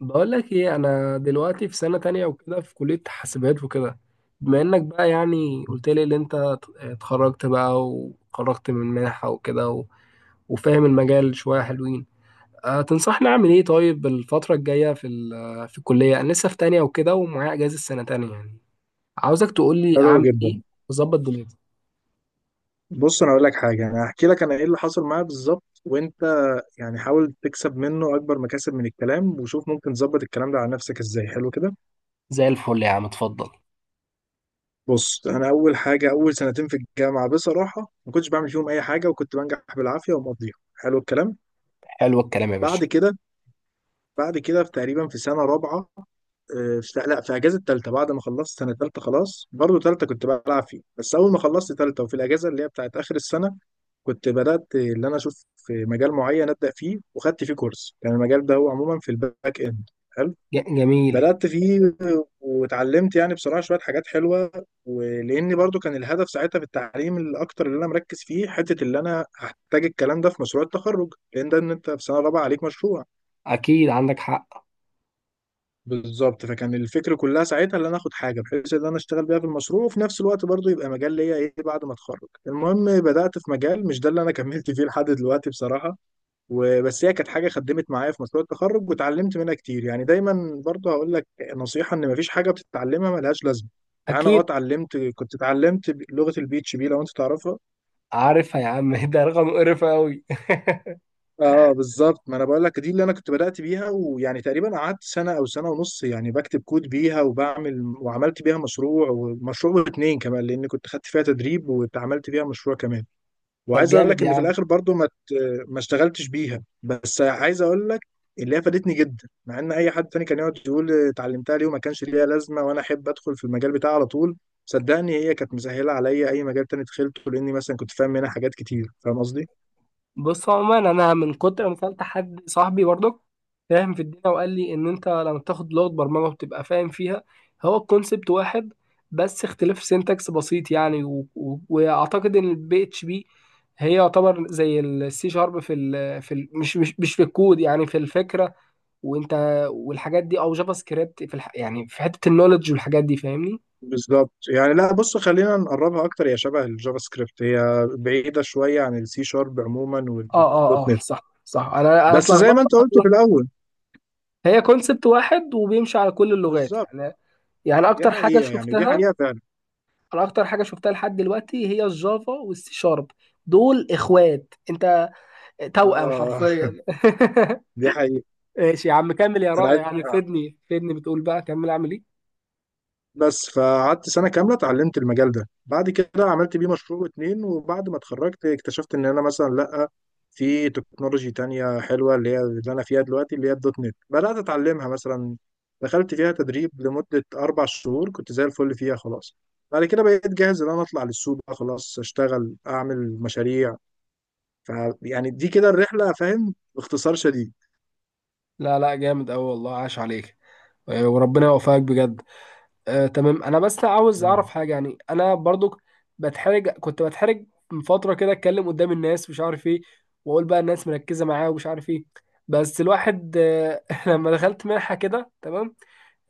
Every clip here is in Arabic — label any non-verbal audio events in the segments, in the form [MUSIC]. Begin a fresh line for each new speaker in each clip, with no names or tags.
بقول لك ايه، انا دلوقتي في سنة تانية وكده، في كلية حاسبات وكده. بما انك بقى يعني قلت لي ان انت اتخرجت بقى وخرجت من منحة وكده و- وفاهم المجال شوية حلوين. تنصحني اعمل ايه؟ طيب الفترة الجاية في الكلية، انا لسه في تانية وكده، ومعايا اجازة سنة تانية يعني. عاوزك تقول لي
حلو
اعمل
جدا.
ايه، واظبط دنيتي.
بص، انا اقول لك حاجه. انا هحكي لك انا ايه اللي حصل معايا بالظبط، وانت يعني حاول تكسب منه اكبر مكاسب من الكلام، وشوف ممكن تظبط الكلام ده على نفسك ازاي. حلو كده.
زي الفل يا عم، اتفضل.
بص، انا اول حاجه، اول سنتين في الجامعه بصراحه ما كنتش بعمل فيهم اي حاجه، وكنت بنجح بالعافيه ومقضيها. حلو الكلام.
حلو الكلام يا باشا.
بعد كده بعد كده في تقريبا في سنه رابعه. في اجازه ثالثه بعد ما خلصت سنه ثالثه، خلاص برضو ثالثه كنت بلعب فيه. بس اول ما خلصت ثالثه وفي الاجازه اللي هي بتاعت اخر السنه، كنت بدات اللي انا اشوف في مجال معين ابدا فيه، وخدت فيه كورس. كان المجال ده هو عموما في الباك اند. حلو.
جميل.
بدات فيه واتعلمت يعني بصراحه شويه حاجات حلوه. ولاني برضو كان الهدف ساعتها في التعليم الاكتر اللي انا مركز فيه حته اللي انا هحتاج الكلام ده في مشروع التخرج، لان ده ان انت في سنه رابعه عليك مشروع.
اكيد عندك حق.
بالظبط. فكان الفكر كلها ساعتها ان انا اخد حاجه بحيث ان انا اشتغل بيها في المشروع، وفي نفس الوقت برضو يبقى مجال ليا ايه بعد ما اتخرج. المهم، بدات في مجال مش ده اللي انا [LAUGHS] كملت فيه لحد دلوقتي بصراحه. وبس هي كانت حاجه خدمت معايا في مشروع التخرج واتعلمت منها كتير. يعني دايما برضو هقول لك نصيحه، ان مفيش حاجه بتتعلمها ملهاش لازمه. يعني انا
اكيد
كنت اتعلمت لغه البي اتش بي، لو انت تعرفها.
عارفها يا عم [LAUGHS] ده رقم قرف قوي. [LAUGHS]
اه بالظبط، ما انا بقول لك دي اللي انا كنت بدأت بيها. ويعني تقريبا قعدت سنة او سنة ونص يعني بكتب كود بيها، وعملت بيها مشروع، ومشروع واتنين كمان لان كنت خدت فيها تدريب، واتعملت بيها مشروع كمان.
طب
وعايز اقول
جامد
لك
يا
ان في
عم.
الاخر برضو ما اشتغلتش بيها. بس عايز اقول لك اللي هي فادتني جدا، مع ان اي حد تاني كان يقعد يقول اتعلمتها ليه وما كانش ليها لازمة، وانا احب ادخل في المجال بتاعي على طول. صدقني هي كانت مسهلة عليا اي مجال تاني دخلته، لاني مثلا كنت فاهم منها حاجات كتير، فاهم قصدي.
بص، عموما انا من كتر ما سالت حد صاحبي برضك، فاهم في الدنيا، وقال لي ان انت لما تاخد لغه برمجه وتبقى فاهم فيها، هو الكونسبت واحد. بس اختلاف سينتاكس بسيط يعني، واعتقد ان البي اتش بي هي يعتبر زي السي شارب، مش في الكود، يعني في الفكره. وانت، والحاجات دي او جافا سكريبت يعني في حته النولج والحاجات دي، فاهمني.
بالظبط. يعني لا، بص خلينا نقربها اكتر، هي شبه الجافا سكريبت، هي بعيده شويه عن السي شارب عموما
اه
والدوت
اه
نت.
صح، صح، انا
بس زي
اتلخبطت.
ما انت قلت في الاول،
هي كونسبت واحد، وبيمشي على كل اللغات
بالظبط.
يعني. يعني
دي
اكتر حاجه
حقيقه، يعني دي
شفتها،
حقيقه فعلا.
انا اكتر حاجه شفتها لحد دلوقتي هي الجافا والسي شارب، دول اخوات. انت توأم
آه
حرفيا.
[LAUGHS] دي حقيقه.
[LAUGHS] ماشي يا عم، كمل يا
انا
رائع،
عايز،
يعني فدني فدني، بتقول بقى كمل اعمل ايه؟
بس فقعدت سنة كاملة اتعلمت المجال ده، بعد كده عملت بيه مشروع واتنين، وبعد ما اتخرجت اكتشفت ان انا مثلا لأ. في تكنولوجي تانية حلوة، اللي هي اللي انا فيها دلوقتي، اللي هي الدوت نت، بدأت اتعلمها مثلا. دخلت فيها تدريب لمدة 4 شهور، كنت زي الفل فيها خلاص. بعد كده بقيت جاهز ان انا اطلع للسوق بقى خلاص، اشتغل اعمل مشاريع. ف يعني دي كده الرحلة، فاهم، باختصار شديد.
لا، لا، جامد قوي والله، عاش عليك. وربنا يوفقك بجد. تمام، انا بس عاوز اعرف
نعم.
حاجه يعني، انا برضو كنت بتحرج من فتره كده، اتكلم قدام الناس، مش عارف ايه، واقول بقى الناس مركزه معايا، ومش عارف ايه. بس الواحد [LAUGHS] لما دخلت منحه كده تمام،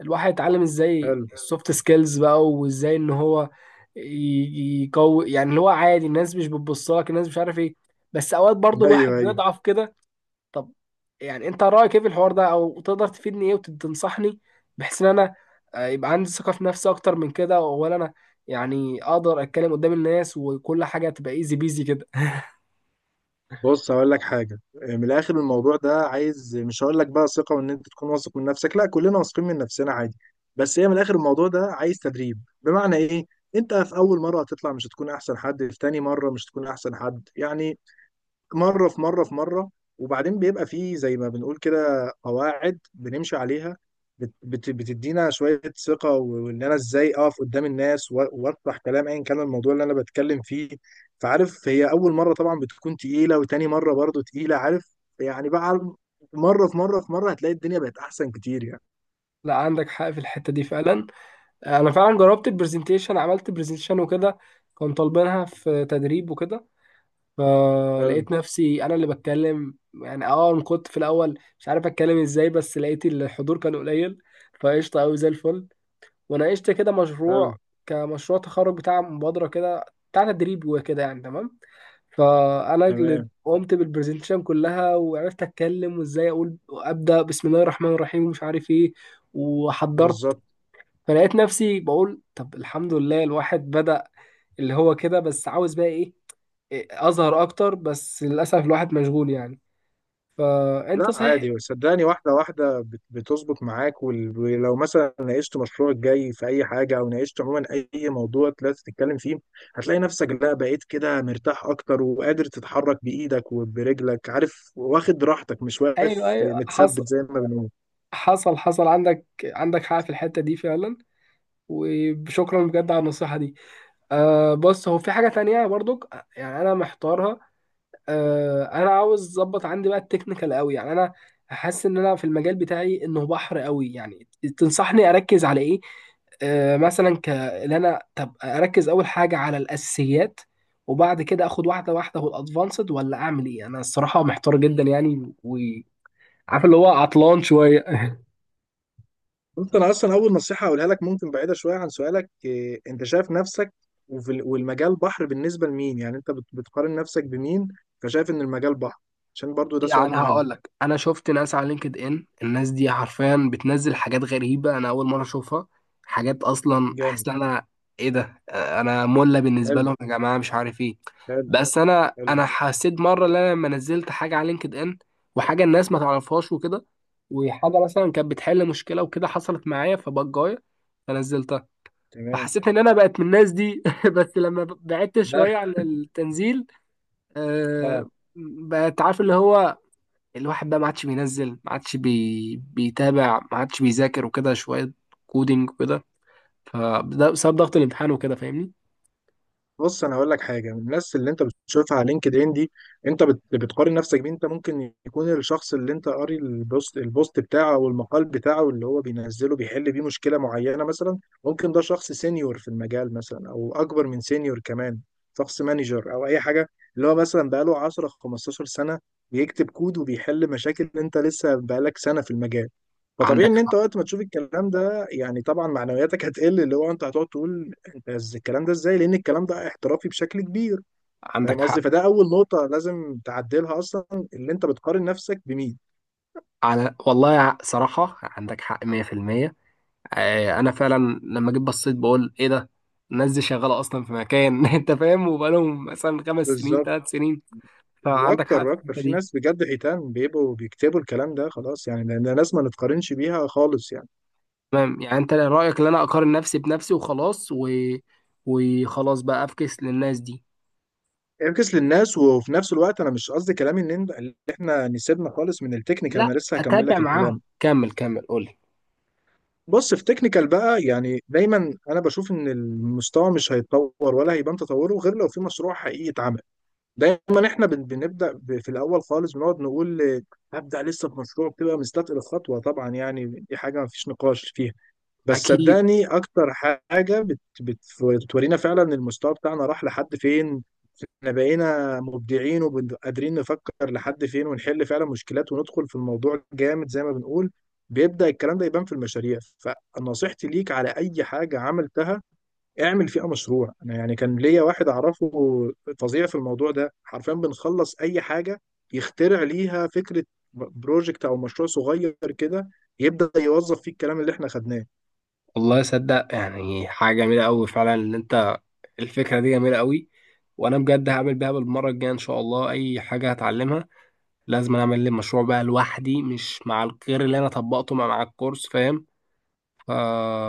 الواحد اتعلم ازاي
حلو.
السوفت سكيلز بقى، وازاي ان هو يقوي، يعني اللي هو عادي الناس مش بتبص لك، الناس مش عارف ايه. بس اوقات برضو
ايوه،
الواحد
ايوه.
بيضعف كده. طب يعني، انت رايك ايه في الحوار ده؟ او تقدر تفيدني ايه وتنصحني بحيث ان انا يبقى عندي ثقه في نفسي اكتر من كده، ولا انا يعني اقدر اتكلم قدام الناس وكل حاجه تبقى ايزي بيزي كده؟
بص هقول لك حاجة. من الآخر الموضوع ده عايز، مش هقول لك بقى ثقة وإن أنت تكون واثق من نفسك، لا كلنا واثقين من نفسنا عادي. بس هي من الآخر الموضوع ده عايز تدريب. بمعنى إيه؟ أنت في أول مرة هتطلع مش هتكون أحسن حد، في تاني مرة مش هتكون أحسن حد يعني. مرة في مرة في مرة، وبعدين بيبقى فيه زي ما بنقول كده قواعد بنمشي عليها. بت بت بتدينا شوية ثقة، وإن أنا إزاي أقف قدام الناس، وأطرح كلام أيا كان الموضوع اللي أنا بتكلم فيه. فعارف هي أول مرة طبعا بتكون تقيلة، وتاني مرة برضو تقيلة، عارف، يعني بقى مرة في مرة في مرة هتلاقي الدنيا بقت أحسن كتير يعني.
[LAUGHS] لا، عندك حق في الحته دي فعلا. انا فعلا جربت البرزنتيشن، عملت برزنتيشن وكده، كان طالبينها في تدريب وكده.
حلو،
فلقيت نفسي انا اللي بتكلم يعني، أنا كنت في الاول مش عارف اتكلم ازاي، بس لقيت الحضور كان قليل، فقشطه قوي زي الفل. وناقشت كده
حلو،
مشروع، كمشروع تخرج بتاع مبادرة كده، بتاع تدريب وكده يعني، تمام. فأنا اللي
تمام،
قمت بالبرزنتيشن كلها، وعرفت أتكلم، وإزاي أقول أبدأ بسم الله الرحمن الرحيم ومش عارف إيه. وحضرت.
بالظبط.
فلقيت نفسي بقول، طب الحمد لله الواحد بدأ، اللي هو كده، بس عاوز بقى إيه؟ إيه، أظهر أكتر، بس للأسف الواحد مشغول يعني. فأنت
لا
صحيح.
عادي صدقني، واحدة واحدة بتظبط معاك، ولو مثلا ناقشت مشروعك الجاي في أي حاجة أو ناقشت عموما أي موضوع طلعت تتكلم فيه، هتلاقي نفسك لا بقيت كده مرتاح أكتر وقادر تتحرك بإيدك وبرجلك، عارف، واخد راحتك، مش واقف
أيوه، أيوه، حصل،
متثبت زي ما بنقول.
حصل، حصل، عندك حق في الحتة دي فعلا. وشكرا بجد على النصيحة دي. بص، هو في حاجة تانية برضك، يعني أنا محتارها. أنا عاوز أظبط عندي بقى التكنيكال قوي، يعني أنا حاسس إن أنا في المجال بتاعي إنه بحر قوي يعني، تنصحني أركز على إيه؟ مثلا إن أنا، طب أركز أول حاجة على الأساسيات، وبعد كده آخد واحدة واحدة والأدفانسد، ولا أعمل إيه؟ أنا الصراحة محتار جدا يعني، وعارف اللي هو عطلان شوية.
ممكن أصلا أول نصيحة أقولها لك، ممكن بعيدة شوية عن سؤالك، أنت شايف نفسك والمجال بحر بالنسبة لمين؟ يعني أنت بتقارن نفسك بمين فشايف إن المجال بحر؟ عشان برضو ده سؤال
يعني
مهم.
هقول لك، انا شفت ناس على لينكد ان، الناس دي حرفيا بتنزل حاجات غريبه، انا اول مره اشوفها، حاجات اصلا
جامد،
احس ان انا، ايه ده؟ انا مله بالنسبه
حلو،
لهم يا جماعه، مش عارف ايه.
حلو،
بس انا
حلو،
انا حسيت مره ان انا لما نزلت حاجه على لينكد ان، وحاجه الناس ما تعرفهاش وكده، وحاجه مثلا كانت بتحل مشكله وكده حصلت معايا فبجايه، فنزلتها،
تمام.
فحسيت ان انا بقت من الناس دي. [LAUGHS] بس لما بعدت
ده
شويه عن التنزيل، آه،
اه
بقت عارف، اللي هو الواحد بقى ما عادش بينزل، ما عادش بيتابع، ما عادش بيذاكر وكده شوية كودينج وكده، فده بسبب ضغط الامتحان وكده فاهمني.
بص انا هقول لك حاجه. من الناس اللي انت بتشوفها على لينكد ان دي، انت بتقارن نفسك بيه. انت ممكن يكون الشخص اللي انت قاري البوست بتاعه او المقال بتاعه اللي هو بينزله بيحل بيه مشكله معينه مثلا، ممكن ده شخص سينيور في المجال مثلا او اكبر من سينيور كمان، شخص مانجر او اي حاجه. اللي هو مثلا بقاله 10 15 سنه بيكتب كود وبيحل مشاكل، انت لسه بقالك سنه في المجال. فطبيعي
عندك
ان انت
حق،
وقت ما تشوف الكلام ده يعني طبعا معنوياتك هتقل، اللي هو انت هتقعد تقول بس الكلام ده ازاي، لان الكلام ده احترافي بشكل كبير.
عندك
فاهم قصدي؟
حق،
فده اول نقطه لازم تعدلها اصلا، اللي انت بتقارن نفسك بمين.
على والله، صراحة عندك حق 100%. أنا فعلا لما جيت بصيت بقول إيه ده، الناس دي شغالة أصلا في مكان [LAUGHS] أنت فاهم، وبقالهم مثلا 5 سنين،
بالظبط.
3 سنين. فعندك
واكتر
حق في
واكتر
الحتة
في
دي.
ناس بجد حيتان بيبقوا بيكتبوا الكلام ده، خلاص يعني، لان الناس ما نتقارنش بيها خالص يعني.
تمام، يعني أنت رأيك إن أنا أقارن نفسي بنفسي وخلاص وخلاص بقى أفكس للناس دي.
انكس للناس، وفي نفس الوقت انا مش قصدي كلامي ان اللي احنا نسيبنا خالص من التكنيكال،
لا،
انا لسه هكمل
اتابع
لك
معاهم،
الكلام.
كمل، كمل، قولي.
بص، في تكنيكال بقى، يعني دايما انا بشوف ان المستوى مش هيتطور ولا هيبان تطوره غير لو في مشروع حقيقي اتعمل. دايما احنا بنبدا في الاول خالص بنقعد نقول آه، هبدا لسه في مشروع، بتبقى مستثقل الخطوه طبعا، يعني دي حاجه ما فيش نقاش فيها. بس
اكيد.
صدقني اكتر حاجه بت بت بتورينا فعلا المستوى بتاعنا راح لحد فين. احنا بقينا مبدعين وقادرين نفكر لحد فين ونحل فعلا مشكلات وندخل في الموضوع جامد زي ما بنقول، بيبدا الكلام ده يبان في المشاريع. فنصيحتي ليك، على اي حاجه عملتها اعمل فيها مشروع. انا يعني كان ليا واحد اعرفه فظيع في الموضوع ده، حرفيا بنخلص اي حاجه يخترع ليها فكره، بروجكت او مشروع صغير كده، يبدا يوظف فيه الكلام اللي احنا خدناه.
والله صدق، يعني حاجه جميله قوي فعلا، ان انت الفكره دي جميله قوي، وانا بجد هعمل بيها بالمره الجايه ان شاء الله، اي حاجه هتعلمها لازم أنا اعمل لي مشروع بقى لوحدي، مش مع الغير، اللي انا طبقته مع الكورس فاهم.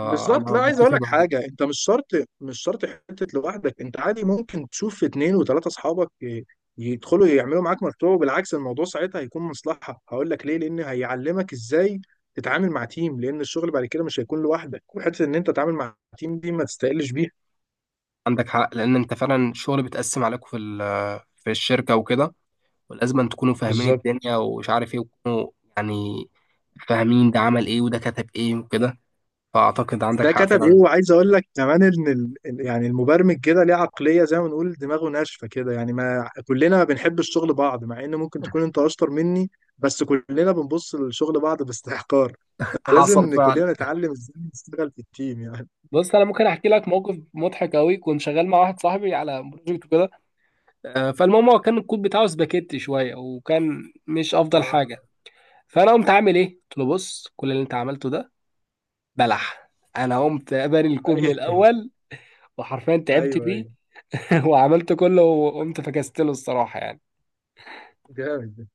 بالظبط لا، عايز
متفق
اقول لك
معاك.
حاجه، انت مش شرط، مش شرط حته لوحدك، انت عادي ممكن تشوف في اتنين وتلاته اصحابك يدخلوا يعملوا معاك مشروع، وبالعكس الموضوع ساعتها هيكون مصلحه. هقول لك ليه، لان هيعلمك ازاي تتعامل مع تيم، لان الشغل بعد كده مش هيكون لوحدك، وحته ان انت تتعامل مع تيم دي ما تستقلش بيها.
عندك حق لان انت فعلا الشغل بيتقسم عليكم في الشركه وكده، ولازم أن تكونوا فاهمين
بالظبط
الدنيا ومش عارف ايه، وتكونوا يعني فاهمين ده عمل ايه وده كتب ايه وكده. فأعتقد عندك
ده
حق
كتب ايه،
فعلا.
وعايز اقول لك كمان ان يعني المبرمج كده ليه عقليه، زي ما نقول دماغه ناشفه كده، يعني ما كلنا ما بنحب الشغل بعض مع ان ممكن تكون انت اشطر مني. بس كلنا بنبص للشغل بعض باستحقار،
حصل
فلازم
فعلا.
كلنا نتعلم ازاي نشتغل في التيم يعني.
بص، انا ممكن احكي لك موقف مضحك قوي، كنت شغال مع واحد صاحبي على بروجكت وكده. فالمهم هو كان الكود بتاعه سباكيتي شويه، وكان مش افضل
اه،
حاجه. فانا قمت عامل ايه، قلت له بص كل اللي انت عملته ده بلح. انا قمت بني الكود من
ايوه،
الاول، وحرفيا تعبت
ايوه،
فيه،
ايوه،
[LAUGHS] وعملت كله وقمت فكست له الصراحه يعني.
جامد ده.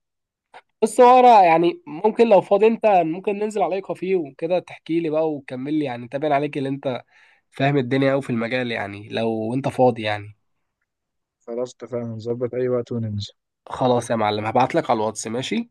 بص هو انا يعني، ممكن لو فاضي انت، ممكن ننزل عليك كافيه وكده تحكي لي بقى وتكمل لي يعني، تابع عليك اللي انت فاهم الدنيا أوي في المجال، يعني لو أنت فاضي يعني.
خلاص اتفقنا نظبط اي وقت وننزل
خلاص يا معلم، هبعتلك على الواتس، ماشي؟